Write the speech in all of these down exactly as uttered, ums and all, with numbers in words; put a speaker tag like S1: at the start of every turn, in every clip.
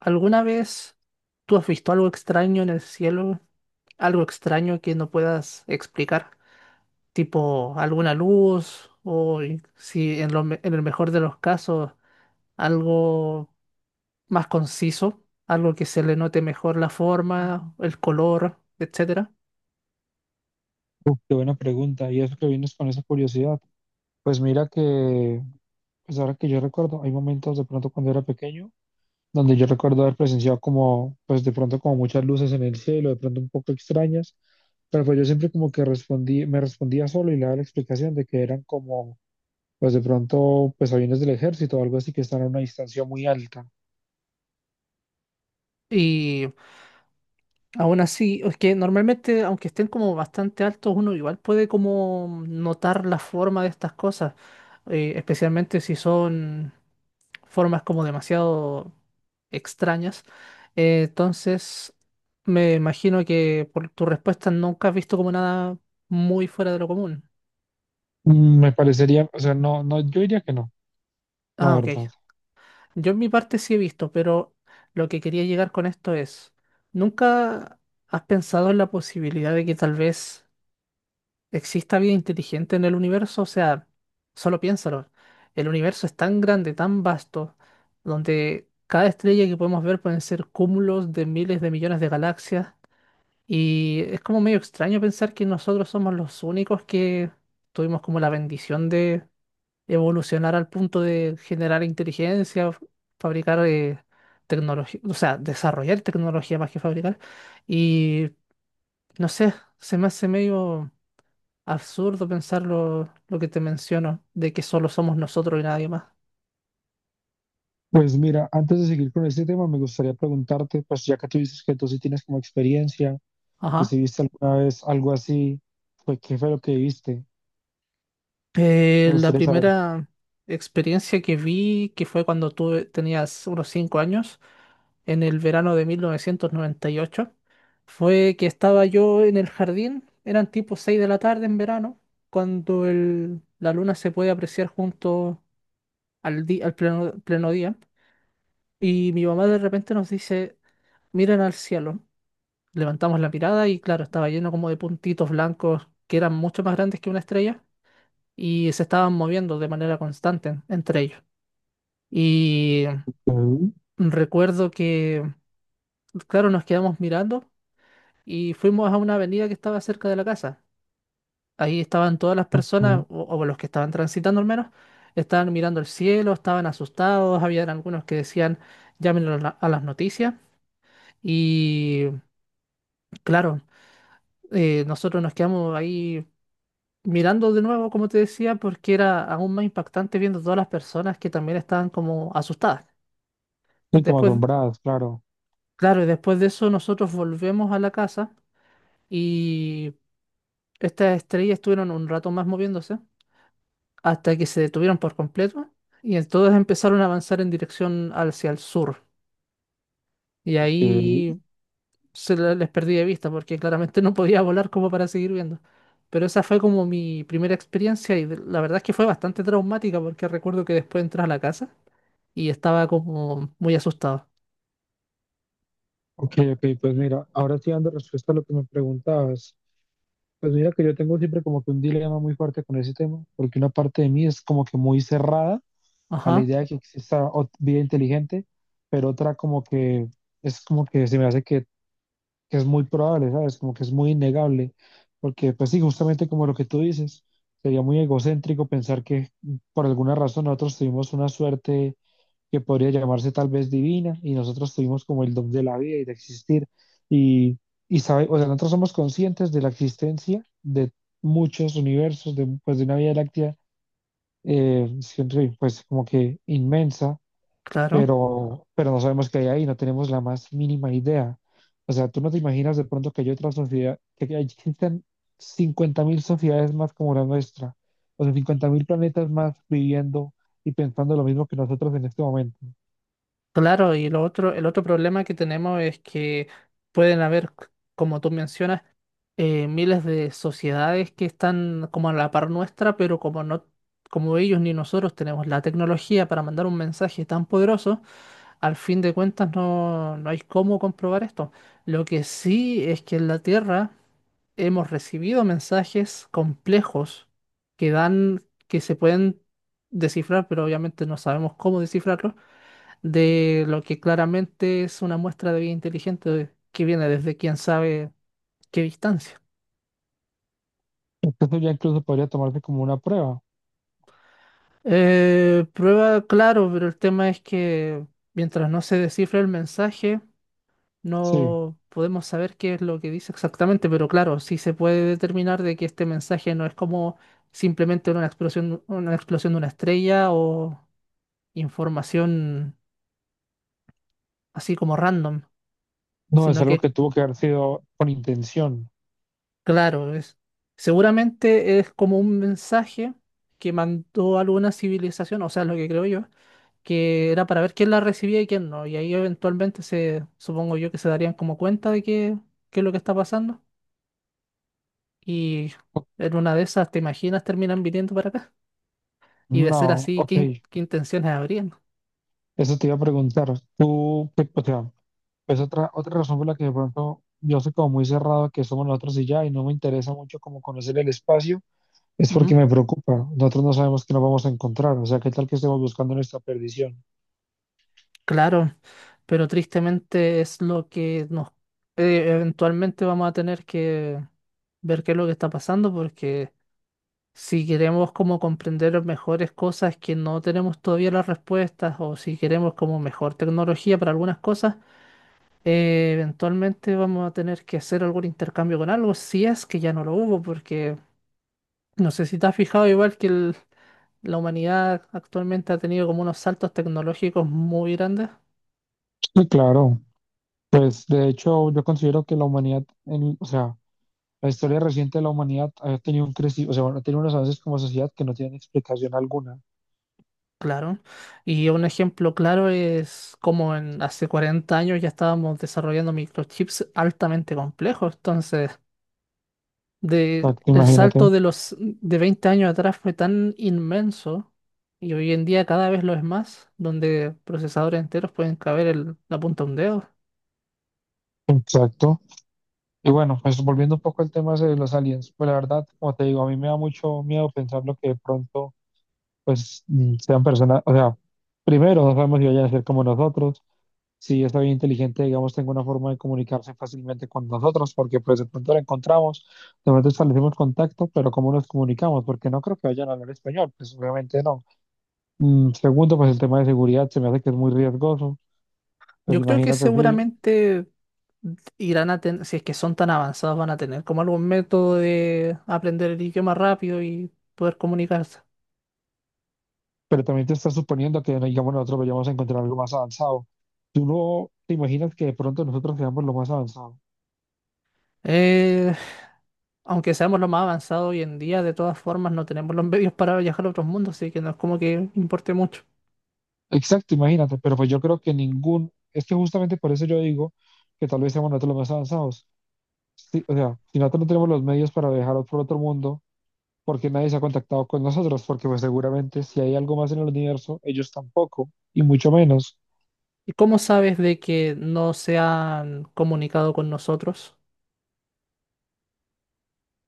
S1: ¿Alguna vez tú has visto algo extraño en el cielo? Algo extraño que no puedas explicar, tipo alguna luz o y- si en lo me- en el mejor de los casos algo más conciso, algo que se le note mejor la forma, el color, etcétera.
S2: Uf, qué buena pregunta. Y eso que vienes con esa curiosidad. Pues mira que, pues ahora que yo recuerdo, hay momentos de pronto cuando era pequeño, donde yo recuerdo haber presenciado como, pues de pronto como muchas luces en el cielo, de pronto un poco extrañas, pero pues yo siempre como que respondí, me respondía solo y le daba la explicación de que eran como, pues de pronto, pues aviones del ejército o algo así que están a una distancia muy alta.
S1: Y aún así, es que normalmente aunque estén como bastante altos, uno igual puede como notar la forma de estas cosas, eh, especialmente si son formas como demasiado extrañas. Eh, entonces, me imagino que por tu respuesta nunca has visto como nada muy fuera de lo común.
S2: Mm, Me parecería, o sea, no, no, yo diría que no, la
S1: Ah, ok.
S2: verdad.
S1: Yo en mi parte sí he visto, pero lo que quería llegar con esto es, ¿nunca has pensado en la posibilidad de que tal vez exista vida inteligente en el universo? O sea, solo piénsalo. El universo es tan grande, tan vasto, donde cada estrella que podemos ver pueden ser cúmulos de miles de millones de galaxias. Y es como medio extraño pensar que nosotros somos los únicos que tuvimos como la bendición de evolucionar al punto de generar inteligencia, f- fabricar eh, tecnología, o sea, desarrollar tecnología más que fabricar. Y no sé, se me hace medio absurdo pensar lo, lo que te menciono, de que solo somos nosotros y nadie más.
S2: Pues mira, antes de seguir con este tema, me gustaría preguntarte, pues ya que tú dices que tú sí tienes como experiencia, que
S1: Ajá.
S2: si viste alguna vez algo así, pues qué fue lo que viste.
S1: Eh,
S2: Me
S1: la
S2: gustaría saber.
S1: primera experiencia que vi, que fue cuando tuve, tenías unos cinco años, en el verano de mil novecientos noventa y ocho fue que estaba yo en el jardín, eran tipo seis de la tarde en verano, cuando el- la luna se puede apreciar junto al, di- al pleno, pleno día, y mi mamá de repente nos dice, miren al cielo, levantamos la mirada y claro, estaba lleno como de puntitos blancos que eran mucho más grandes que una estrella y se estaban moviendo de manera constante entre ellos. Y
S2: Ujú,
S1: recuerdo que, claro, nos quedamos mirando. Y fuimos a una avenida que estaba cerca de la casa. Ahí estaban todas las personas,
S2: ujú.
S1: o, o los que estaban transitando al menos, estaban mirando el cielo, estaban asustados, había algunos que decían, llámenlo a, la- a las noticias. Y claro, eh, nosotros nos quedamos ahí mirando de nuevo, como te decía, porque era aún más impactante viendo todas las personas que también estaban como asustadas.
S2: Sí, como
S1: Después,
S2: asombradas, claro.
S1: claro, y después de eso nosotros volvemos a la casa y estas estrellas estuvieron un rato más moviéndose, hasta que se detuvieron por completo y entonces empezaron a avanzar en dirección hacia el sur. Y
S2: Ujú.
S1: ahí se le- les perdí de vista porque claramente no podía volar como para seguir viendo. Pero esa fue como mi primera experiencia y de- la verdad es que fue bastante traumática porque recuerdo que después entré a la casa y estaba como muy asustado.
S2: Ok, ok, pues mira, ahora sí dando respuesta a lo que me preguntabas. Pues mira que yo tengo siempre como que un dilema muy fuerte con ese tema, porque una parte de mí es como que muy cerrada a la
S1: Ajá,
S2: idea de que exista ot- vida inteligente, pero otra como que es como que se me hace que que es muy probable, ¿sabes? Como que es muy innegable, porque pues sí, justamente como lo que tú dices, sería muy egocéntrico pensar que por alguna razón nosotros tuvimos una suerte que podría llamarse tal vez divina y nosotros tuvimos como el don de la vida y de existir y, y sabe, o sea, nosotros somos conscientes de la existencia de muchos universos, de, pues de una Vía Láctea, eh, siempre, pues como que inmensa
S1: claro.
S2: pero, pero no sabemos qué hay ahí, no tenemos la más mínima idea. O sea, tú no te imaginas de pronto que hay otras sociedades que que existen cincuenta mil sociedades más como la nuestra, o sea, cincuenta mil planetas más viviendo y pensando lo mismo que nosotros en este momento.
S1: Claro, y lo otro, el otro problema que tenemos es que pueden haber, c- como tú mencionas, eh, miles de sociedades que están como a la par nuestra, pero como no, como ellos ni nosotros tenemos la tecnología para mandar un mensaje tan poderoso, al fin de cuentas no, no hay cómo comprobar esto. Lo que sí es que en la Tierra hemos recibido mensajes complejos que dan, que se pueden descifrar, pero obviamente no sabemos cómo descifrarlos, de lo que claramente es una muestra de vida inteligente que viene desde quién sabe qué distancia.
S2: Entonces ya incluso podría tomarse como una prueba.
S1: Eh, prueba, claro, pero el tema es que mientras no se descifre el mensaje,
S2: Sí,
S1: no podemos saber qué es lo que dice exactamente, pero claro, sí se puede determinar de que este mensaje no es como simplemente una explosión, una explosión de una estrella o información así como random,
S2: no, es
S1: sino
S2: algo que
S1: que,
S2: tuvo que haber sido con intención.
S1: claro, es, seguramente es como un mensaje que mandó alguna civilización, o sea, lo que creo yo que era para ver quién la recibía y quién no. Y ahí eventualmente se, supongo yo que se darían como cuenta de qué, qué es lo que está pasando. Y en una de esas, ¿te imaginas terminan viniendo para acá? Y de ser
S2: No,
S1: así, ¿qué,
S2: ok,
S1: in- qué intenciones habrían?
S2: eso te iba a preguntar. Tú, qué- o sea, pues otra, otra razón por la que de pronto yo soy como muy cerrado a que somos nosotros y ya, y no me interesa mucho como conocer el espacio, es porque
S1: Ujú.
S2: me preocupa. Nosotros no sabemos qué nos vamos a encontrar, o sea, qué tal que estemos buscando nuestra perdición.
S1: Claro, pero tristemente es lo que nos eh, eventualmente vamos a tener que ver qué es lo que está pasando porque si queremos como comprender mejores cosas que no tenemos todavía las respuestas o si queremos como mejor tecnología para algunas cosas, eh, eventualmente vamos a tener que hacer algún intercambio con algo, si es que ya no lo hubo, porque no sé si te has fijado igual que el- la humanidad actualmente ha tenido como unos saltos tecnológicos muy grandes.
S2: Sí, claro. Pues de hecho yo considero que la humanidad, en- o sea, la historia reciente de la humanidad ha tenido un crecimiento, o sea, bueno, ha tenido unos avances como sociedad que no tienen explicación alguna.
S1: Claro, y un ejemplo claro es como en hace cuarenta años ya estábamos desarrollando microchips altamente complejos, entonces de
S2: Exacto,
S1: el
S2: imagínate.
S1: salto de los de veinte años atrás fue tan inmenso y hoy en día cada vez lo es más, donde procesadores enteros pueden caber el- la punta de un dedo.
S2: Exacto. Y bueno, pues volviendo un poco al tema de los aliens, pues la verdad, como te digo, a mí me da mucho miedo pensar lo que de pronto pues mm, sean personas, o sea, primero no sabemos si vayan a ser como nosotros, si es bien inteligente, digamos, tenga una forma de comunicarse fácilmente con nosotros, porque pues de pronto la encontramos, de pronto establecemos contacto, pero ¿cómo nos comunicamos? Porque no creo que vayan a hablar español, pues obviamente no. Mm, segundo, pues el tema de seguridad se me hace que es muy riesgoso, pues
S1: Yo creo que
S2: imagínate, sí,
S1: seguramente irán a tener, si es que son tan avanzados, van a tener como algún método de aprender el idioma rápido y poder comunicarse.
S2: pero también te estás suponiendo que, no, digamos, nosotros vayamos a encontrar algo más avanzado. ¿Tú no te imaginas que de pronto nosotros seamos lo más avanzado?
S1: Eh, aunque seamos lo más avanzados hoy en día, de todas formas no tenemos los medios para viajar a otros mundos, así que no es como que importe mucho.
S2: Exacto, imagínate, pero pues yo creo que ningún, es que justamente por eso yo digo que tal vez seamos nosotros los más avanzados. Sí, o sea, si nosotros no tenemos los medios para viajar por otro mundo, porque nadie se ha contactado con nosotros, porque pues seguramente si hay algo más en el universo, ellos tampoco, y mucho menos.
S1: ¿Y cómo sabes de que no se han comunicado con nosotros?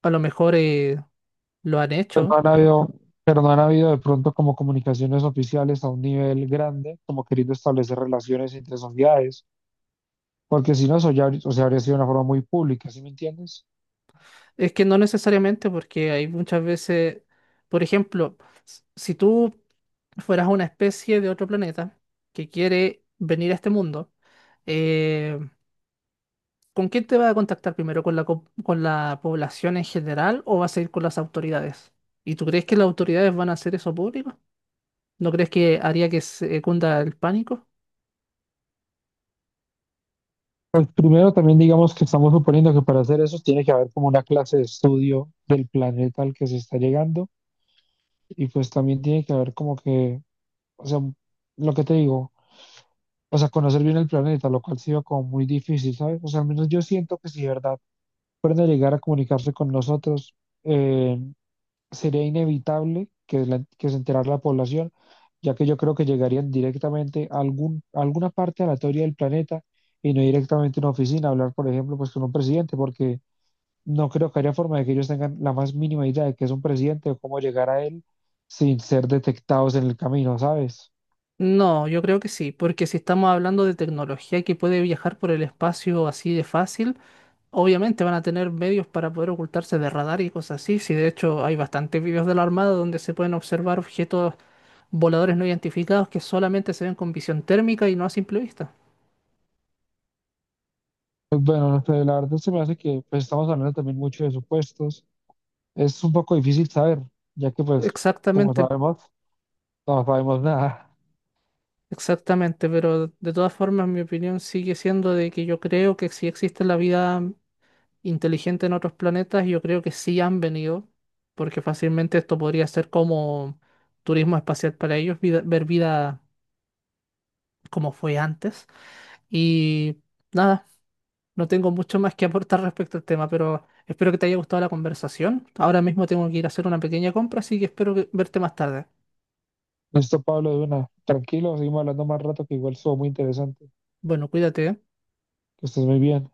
S1: A lo mejor eh, lo han
S2: Pues
S1: hecho.
S2: no han habido, pero no han habido de pronto como comunicaciones oficiales a un nivel grande, como queriendo establecer relaciones entre sociedades, porque si no, eso ya, habría- o sea, habría sido una forma muy pública, ¿sí me entiendes?
S1: Es que no necesariamente, porque hay muchas veces, por ejemplo, s- si tú fueras una especie de otro planeta que quiere venir a este mundo, eh, ¿con quién te va a contactar primero? ¿Con la, co- con la población en general o vas a ir con las autoridades? ¿Y tú crees que las autoridades van a hacer eso público? ¿No crees que haría que se cunda el pánico?
S2: Primero, también digamos que estamos suponiendo que para hacer eso tiene que haber como una clase de estudio del planeta al que se está llegando y pues también tiene que haber como que, o sea, lo que te digo, o sea, conocer bien el planeta, lo cual ha sido como muy difícil, ¿sabes? O sea, al menos yo siento que si de verdad fueran a llegar a comunicarse con nosotros, eh, sería inevitable que, la- que se enterara la población, ya que yo creo que llegarían directamente a, algún, a alguna parte aleatoria del planeta y no directamente a una oficina, a hablar, por ejemplo, pues con un presidente, porque no creo que haya forma de que ellos tengan la más mínima idea de que es un presidente o cómo llegar a él sin ser detectados en el camino, ¿sabes?
S1: No, yo creo que sí, porque si estamos hablando de tecnología que puede viajar por el espacio así de fácil, obviamente van a tener medios para poder ocultarse de radar y cosas así. Si de hecho hay bastantes videos de la Armada donde se pueden observar objetos voladores no identificados que solamente se ven con visión térmica y no a simple vista.
S2: Pues bueno, no sé, la verdad se me hace que pues, estamos hablando también mucho de supuestos. Es un poco difícil saber, ya que pues, como
S1: Exactamente,
S2: sabemos, no sabemos nada.
S1: exactamente, pero de todas formas mi opinión sigue siendo de que yo creo que si existe la vida inteligente en otros planetas, yo creo que sí han venido, porque fácilmente esto podría ser como turismo espacial para ellos, vida- ver vida como fue antes. Y nada, no tengo mucho más que aportar respecto al tema, pero espero que te haya gustado la conversación. Ahora mismo tengo que ir a hacer una pequeña compra, así que espero que verte más tarde.
S2: Listo, Pablo, de una. Tranquilo, seguimos hablando más rato, que igual estuvo muy interesante.
S1: Bueno, cuídate, ¿eh?
S2: Que estés muy bien.